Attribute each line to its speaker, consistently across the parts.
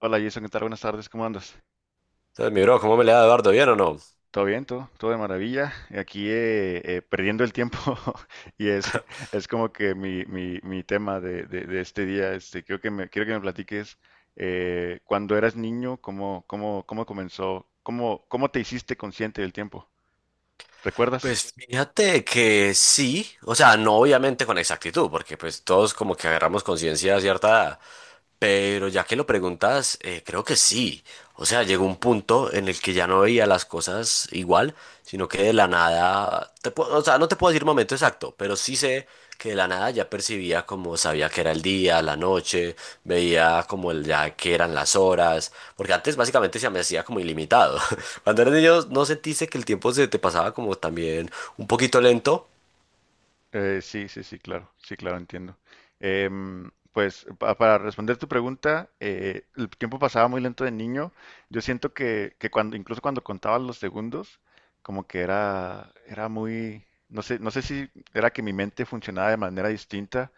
Speaker 1: Hola Jason, ¿qué tal? Buenas tardes, ¿cómo andas?
Speaker 2: Entonces, mi bro, ¿cómo me le da Eduardo? ¿Bien o no?
Speaker 1: ¿Todo bien? ¿Todo de maravilla? Aquí perdiendo el tiempo y es, es como que mi tema de este día, este, creo que quiero que me platiques cuando eras niño, cómo comenzó, cómo te hiciste consciente del tiempo. ¿Recuerdas?
Speaker 2: Pues fíjate que sí, o sea, no obviamente con exactitud, porque pues todos como que agarramos conciencia a cierta edad. Pero ya que lo preguntas, creo que sí. O sea, llegó un punto en el que ya no veía las cosas igual, sino que de la nada, o sea, no te puedo decir momento exacto, pero sí sé que de la nada ya percibía, como sabía que era el día, la noche, veía como el, ya que eran las horas, porque antes básicamente se me hacía como ilimitado. Cuando eras niño, ¿no sentiste que el tiempo se te pasaba como también un poquito lento?
Speaker 1: Sí, sí, sí, claro, sí, claro, entiendo. Pues para responder tu pregunta, el tiempo pasaba muy lento de niño. Yo siento que cuando, incluso cuando contaba los segundos, como que era muy, no sé, no sé si era que mi mente funcionaba de manera distinta,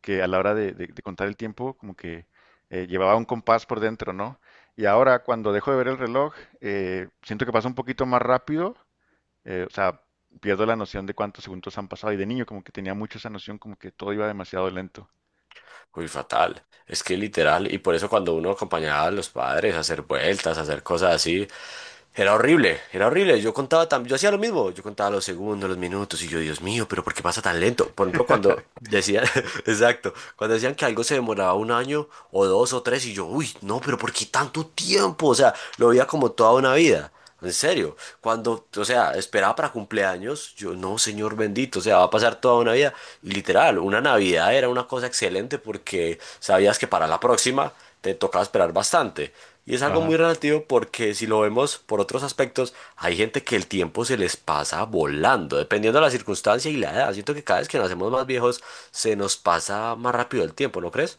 Speaker 1: que a la hora de contar el tiempo, como que llevaba un compás por dentro, ¿no? Y ahora cuando dejo de ver el reloj, siento que pasa un poquito más rápido, o sea, pierdo la noción de cuántos segundos han pasado. Y de niño como que tenía mucho esa noción, como que todo iba demasiado lento.
Speaker 2: Uy, fatal. Es que literal, y por eso cuando uno acompañaba a los padres a hacer vueltas, a hacer cosas así, era horrible, era horrible. Yo contaba también, yo hacía lo mismo, yo contaba los segundos, los minutos, y yo, Dios mío, pero ¿por qué pasa tan lento? Por ejemplo, cuando decían, exacto, cuando decían que algo se demoraba un año o dos o tres, y yo, uy, no, pero ¿por qué tanto tiempo? O sea, lo veía como toda una vida. En serio, cuando, o sea, esperaba para cumpleaños, yo, no, señor bendito, o sea, va a pasar toda una vida. Y literal, una Navidad era una cosa excelente porque sabías que para la próxima te tocaba esperar bastante. Y es algo
Speaker 1: Ajá.
Speaker 2: muy relativo porque si lo vemos por otros aspectos, hay gente que el tiempo se les pasa volando, dependiendo de la circunstancia y la edad. Siento que cada vez que nos hacemos más viejos, se nos pasa más rápido el tiempo, ¿no crees?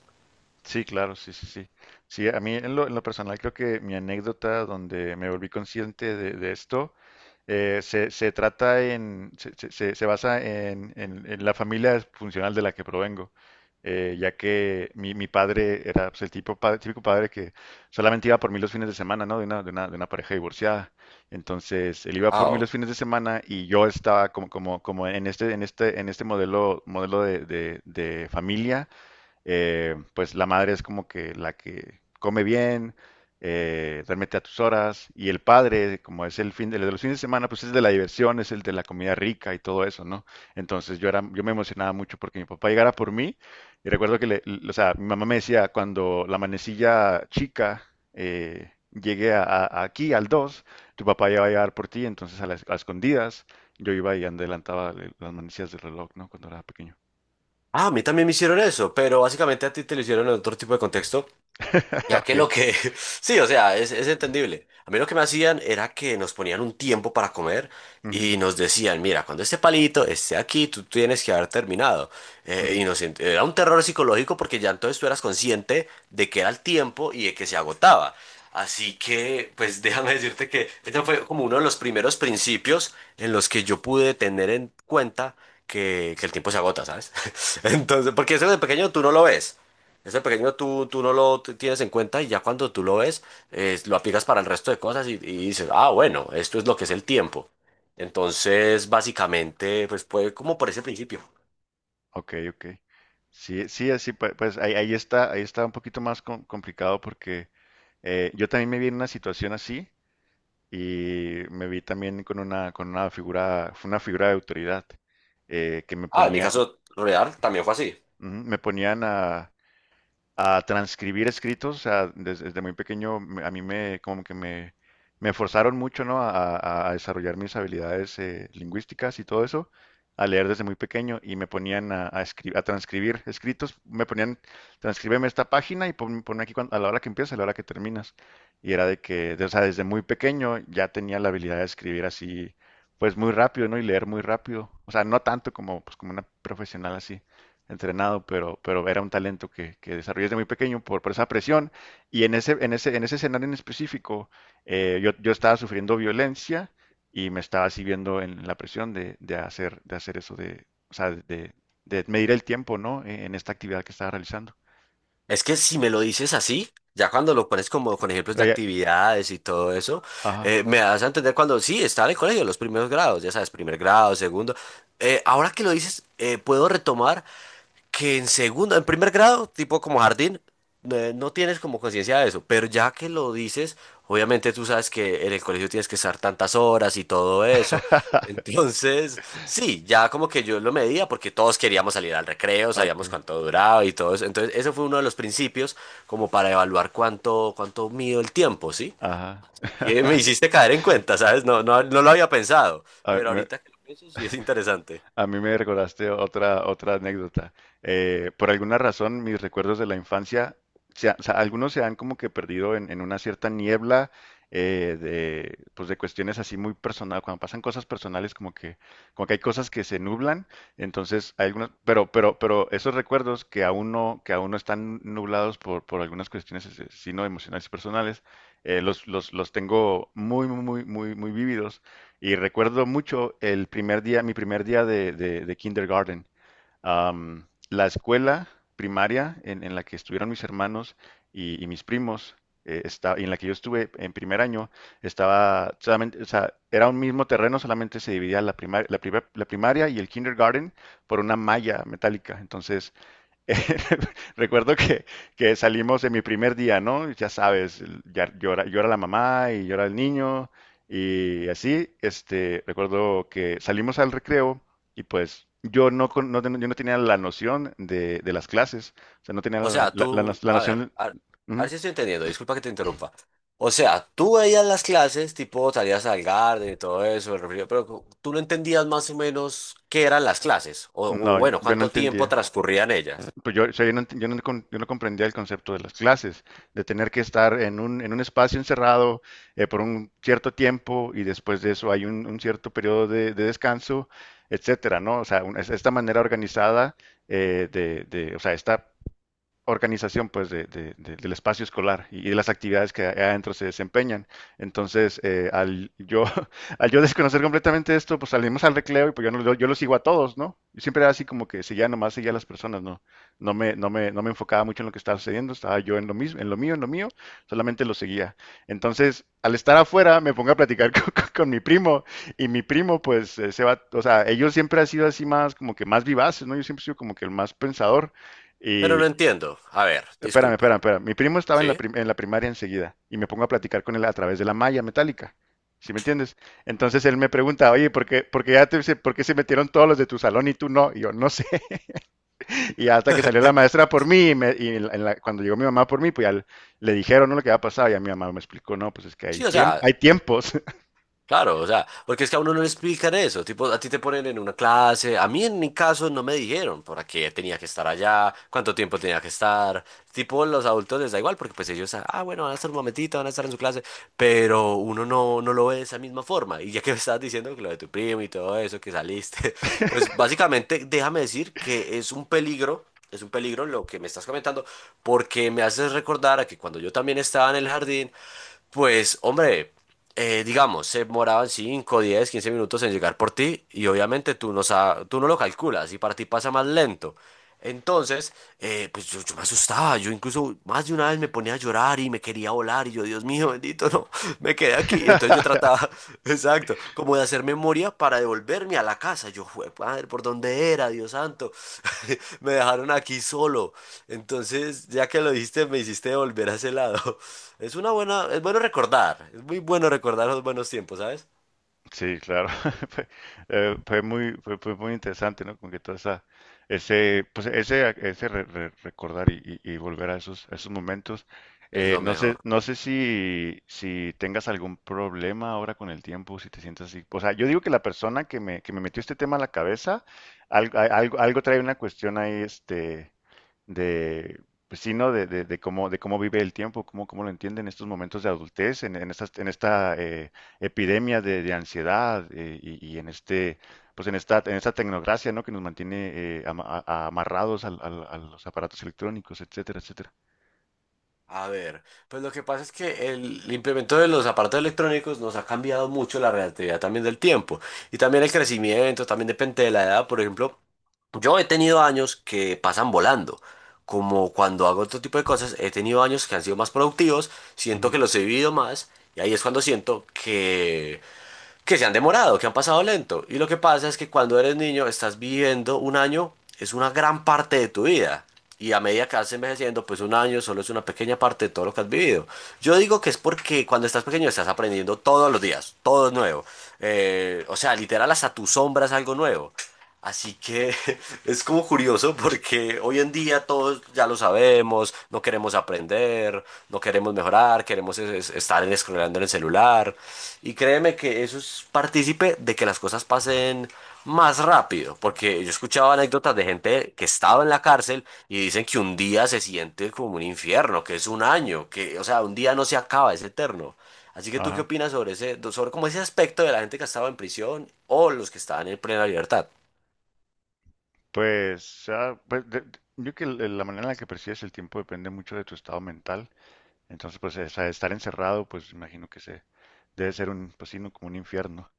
Speaker 1: Sí, claro, sí, sí, sí. Sí, a mí en lo personal creo que mi anécdota donde me volví consciente de esto se, se trata en, se- se- se basa en la familia funcional de la que provengo, ya que mi padre era pues, el tipo, típico padre que solamente iba por mí los fines de semana, ¿no? De una pareja divorciada. Entonces, él iba
Speaker 2: Ah,
Speaker 1: por mí
Speaker 2: oh.
Speaker 1: los fines de semana y yo estaba como en en este modelo de de familia pues la madre es como que la que come bien, duérmete a tus horas, y el padre, como es el fin de, el de los fines de semana, pues es de la diversión, es el de la comida rica y todo eso, ¿no? Entonces yo era, yo me emocionaba mucho porque mi papá llegara por mí, y recuerdo que o sea, mi mamá me decía cuando la manecilla chica llegué aquí al dos, tu papá ya va a llegar por ti, entonces a las a escondidas yo iba y adelantaba las manecillas del reloj, ¿no? Cuando era pequeño.
Speaker 2: Ah, a mí también me hicieron eso, pero básicamente a ti te lo hicieron en otro tipo de contexto. Ya que
Speaker 1: Ok.
Speaker 2: lo que... Sí, o sea, es entendible. A mí lo que me hacían era que nos ponían un tiempo para comer
Speaker 1: Ujú,
Speaker 2: y nos decían, mira, cuando este palito esté aquí, tú tienes que haber terminado. Eh,
Speaker 1: ujú.
Speaker 2: y nos, ent- era un terror psicológico porque ya entonces tú eras consciente de que era el tiempo y de que se agotaba. Así que, pues, déjame decirte que este fue como uno de los primeros principios en los que yo pude tener en cuenta que el tiempo se agota, ¿sabes? Entonces, porque eso de pequeño tú no lo ves. Ese pequeño tú no lo tienes en cuenta, y ya cuando tú lo ves, lo aplicas para el resto de cosas, y dices, ah, bueno, esto es lo que es el tiempo. Entonces, básicamente, pues fue como por ese principio.
Speaker 1: Ok, ok. Sí, sí, así pues, ahí está un poquito más complicado porque yo también me vi en una situación así y me vi también con con una figura, fue una figura de autoridad, que me
Speaker 2: Ah, en mi
Speaker 1: ponía,
Speaker 2: caso real también fue así.
Speaker 1: ujú, me ponían a transcribir escritos, o sea, desde muy pequeño a como que me forzaron mucho, ¿no? A desarrollar mis habilidades lingüísticas y todo eso, a leer desde muy pequeño y me ponían a transcribir escritos, me ponían, transcríbeme esta página y ponme aquí a la hora que empieza, a la hora que terminas. Y era de que, o sea, desde muy pequeño ya tenía la habilidad de escribir así, pues muy rápido, ¿no? Y leer muy rápido, o sea, no tanto como, pues, como una profesional así entrenado, pero era un talento que desarrollé desde muy pequeño por esa presión. Y en en ese escenario en específico, yo estaba sufriendo violencia y me estaba así viendo en la presión de hacer eso, de, o sea, de medir el tiempo, ¿no? En esta actividad que estaba realizando.
Speaker 2: Es que si me lo dices así, ya cuando lo pones como con ejemplos de
Speaker 1: Pero
Speaker 2: actividades y todo eso,
Speaker 1: ajá.
Speaker 2: me das a entender cuando sí, estaba en el colegio, los primeros grados, ya sabes, primer grado, segundo. Ahora que lo dices, puedo retomar, que en segundo, en primer grado, tipo como jardín, no tienes como conciencia de eso, pero ya que lo dices, obviamente tú sabes que en el colegio tienes que estar tantas horas y todo eso. Entonces, sí, ya como que yo lo medía porque todos queríamos salir al recreo,
Speaker 1: Ok,
Speaker 2: sabíamos cuánto duraba y todo eso. Entonces, eso fue uno de los principios como para evaluar cuánto, cuánto mido el tiempo, ¿sí?
Speaker 1: ajá.
Speaker 2: Así que me hiciste caer en cuenta, ¿sabes? No, no, no lo había pensado,
Speaker 1: Ah,
Speaker 2: pero
Speaker 1: me,
Speaker 2: ahorita que lo pienso sí es interesante.
Speaker 1: a mí me recordaste otra, otra anécdota. Por alguna razón, mis recuerdos de la infancia, o sea, algunos se han como que perdido en una cierta niebla, pues de cuestiones así muy personales. Cuando pasan cosas personales, como que hay cosas que se nublan. Entonces, hay algunos, pero esos recuerdos que aún no están nublados por algunas cuestiones, sino emocionales y personales, los tengo muy, muy, muy, muy, muy vívidos y recuerdo mucho el primer día, mi primer día de kindergarten. Am, la escuela primaria en la que estuvieron mis hermanos y mis primos, y en la que yo estuve en primer año, estaba solamente, o sea, era un mismo terreno, solamente se dividía la primaria, la primaria y el kindergarten por una malla metálica. Entonces, recuerdo que salimos en mi primer día, ¿no? Ya sabes, ya llora, llora la mamá y llora el niño y así, este, recuerdo que salimos al recreo y pues yo yo no tenía la noción de las clases, o sea, no tenía
Speaker 2: O sea, tú,
Speaker 1: la
Speaker 2: a ver,
Speaker 1: noción,
Speaker 2: a, ver a ver
Speaker 1: ujú,
Speaker 2: si estoy entendiendo, disculpa que te interrumpa. O sea, tú veías las clases, tipo salías al garden y todo eso, el refrigerio, pero tú no entendías más o menos qué eran las clases, o
Speaker 1: no,
Speaker 2: bueno,
Speaker 1: yo no
Speaker 2: cuánto tiempo
Speaker 1: entendía.
Speaker 2: transcurrían ellas.
Speaker 1: Pues yo, o sea, yo no comprendía el concepto de las clases, de tener que estar en en un espacio encerrado por un cierto tiempo y después de eso hay un cierto periodo de descanso, etcétera, ¿no? O sea, esta manera organizada, o sea, esta organización pues del espacio escolar y de las actividades que adentro se desempeñan. Entonces, al yo, al yo desconocer completamente esto, pues salimos al recreo y pues yo, no- yo lo sigo a todos, ¿no? Y siempre era así como que seguía nomás, seguía a las personas, ¿no? No me enfocaba mucho en lo que estaba sucediendo, estaba yo en lo mismo, en lo mío, solamente lo seguía. Entonces, al estar afuera, me pongo a platicar con mi primo y mi primo, pues, se va, o sea, ellos siempre han sido así más, como que más vivaces, ¿no? Yo siempre he sido como que el más pensador.
Speaker 2: Pero no
Speaker 1: Y,
Speaker 2: entiendo. A ver,
Speaker 1: espérame,
Speaker 2: disculpa.
Speaker 1: espérame, espérame. Mi primo estaba en
Speaker 2: ¿Sí?
Speaker 1: en la primaria enseguida y me pongo a platicar con él a través de la malla metálica. ¿Sí me entiendes? Entonces él me pregunta, oye, ¿ por qué se metieron todos los de tu salón y tú no? Y yo, no sé. Y hasta que salió la maestra por mí y cuando llegó mi mamá por mí, pues ya le dijeron, ¿no? Lo que había pasado y a mi mamá me explicó, no, pues es que hay,
Speaker 2: Sí, o sea.
Speaker 1: hay tiempos.
Speaker 2: Claro, o sea, porque es que a uno no le explican eso, tipo, a ti te ponen en una clase, a mí en mi caso no me dijeron por qué tenía que estar allá, cuánto tiempo tenía que estar, tipo, los adultos les da igual porque pues ellos, ah, bueno, van a estar un momentito, van a estar en su clase, pero uno no lo ve de esa misma forma, y ya que me estabas diciendo que lo de tu primo y todo eso, que saliste, pues básicamente déjame decir que es un peligro. Es un peligro lo que me estás comentando porque me haces recordar a que cuando yo también estaba en el jardín, pues, hombre, digamos, se demoraban 5, 10, 15 minutos en llegar por ti, y obviamente tú no lo calculas, y para ti pasa más lento. Entonces, pues yo me asustaba. Yo incluso más de una vez me ponía a llorar y me quería volar y yo, Dios mío, bendito, no, me quedé aquí. Entonces yo trataba, exacto, como de hacer memoria para devolverme a la casa. Yo, "Jue- madre, ¿por dónde era, Dios santo? Me dejaron aquí solo". Entonces, ya que lo dijiste, me hiciste volver a ese lado. Es una buena, es bueno recordar, es muy bueno recordar los buenos tiempos, ¿sabes?
Speaker 1: Sí, claro. Fue, fue muy interesante, ¿no? Como que toda esa, ese, pues ese recordar y volver a esos momentos.
Speaker 2: Es lo
Speaker 1: No sé,
Speaker 2: mejor.
Speaker 1: no sé si tengas algún problema ahora con el tiempo, si te sientes así. O sea, yo digo que la persona que me metió este tema a la cabeza, algo, algo, algo trae una cuestión ahí, este pues sí, ¿no? De cómo vive el tiempo, cómo lo entiende en estos momentos de adultez, en estas, en esta epidemia de ansiedad, y en este, pues en esta tecnocracia, ¿no? Que nos mantiene amarrados a los aparatos electrónicos, etcétera, etcétera.
Speaker 2: A ver, pues lo que pasa es que el implemento de los aparatos electrónicos nos ha cambiado mucho la relatividad también del tiempo, y también el crecimiento, también depende de la edad. Por ejemplo, yo he tenido años que pasan volando, como cuando hago otro tipo de cosas, he tenido años que han sido más productivos, siento
Speaker 1: Ujú.
Speaker 2: que los he vivido más, y ahí es cuando siento que se han demorado, que han pasado lento. Y lo que pasa es que cuando eres niño estás viviendo un año, es una gran parte de tu vida. Y a medida que vas envejeciendo, pues un año solo es una pequeña parte de todo lo que has vivido. Yo digo que es porque cuando estás pequeño estás aprendiendo todos los días, todo es nuevo. O sea, literal hasta tu sombra es algo nuevo. Así que es como curioso porque hoy en día todos ya lo sabemos, no queremos aprender, no queremos mejorar, queremos estar scrolleando en el celular. Y créeme que eso es partícipe de que las cosas pasen más rápido, porque yo escuchaba anécdotas de gente que estaba en la cárcel y dicen que un día se siente como un infierno, que es un año, que, o sea, un día no se acaba, es eterno. Así que tú qué
Speaker 1: Ajá.
Speaker 2: opinas sobre ese, sobre como ese aspecto de la gente que estaba en prisión o los que estaban en plena libertad.
Speaker 1: Pues, ah, pues, yo creo que la manera en la que percibes el tiempo depende mucho de tu estado mental. Entonces, pues, estar encerrado, pues, imagino que se debe ser un, pues, sí, ¿no? Como un infierno.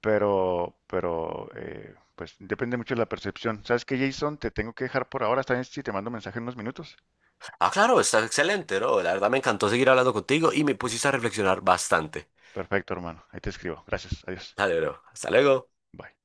Speaker 1: Pero, pues depende mucho de la percepción. ¿Sabes qué, Jason? Te tengo que dejar por ahora. ¿Está bien si te mando mensaje en unos minutos?
Speaker 2: Ah, claro, está excelente, ¿no? La verdad me encantó seguir hablando contigo y me pusiste a reflexionar bastante.
Speaker 1: Perfecto, hermano. Ahí te escribo. Gracias. Adiós.
Speaker 2: Dale, bro. Hasta luego.
Speaker 1: Bye.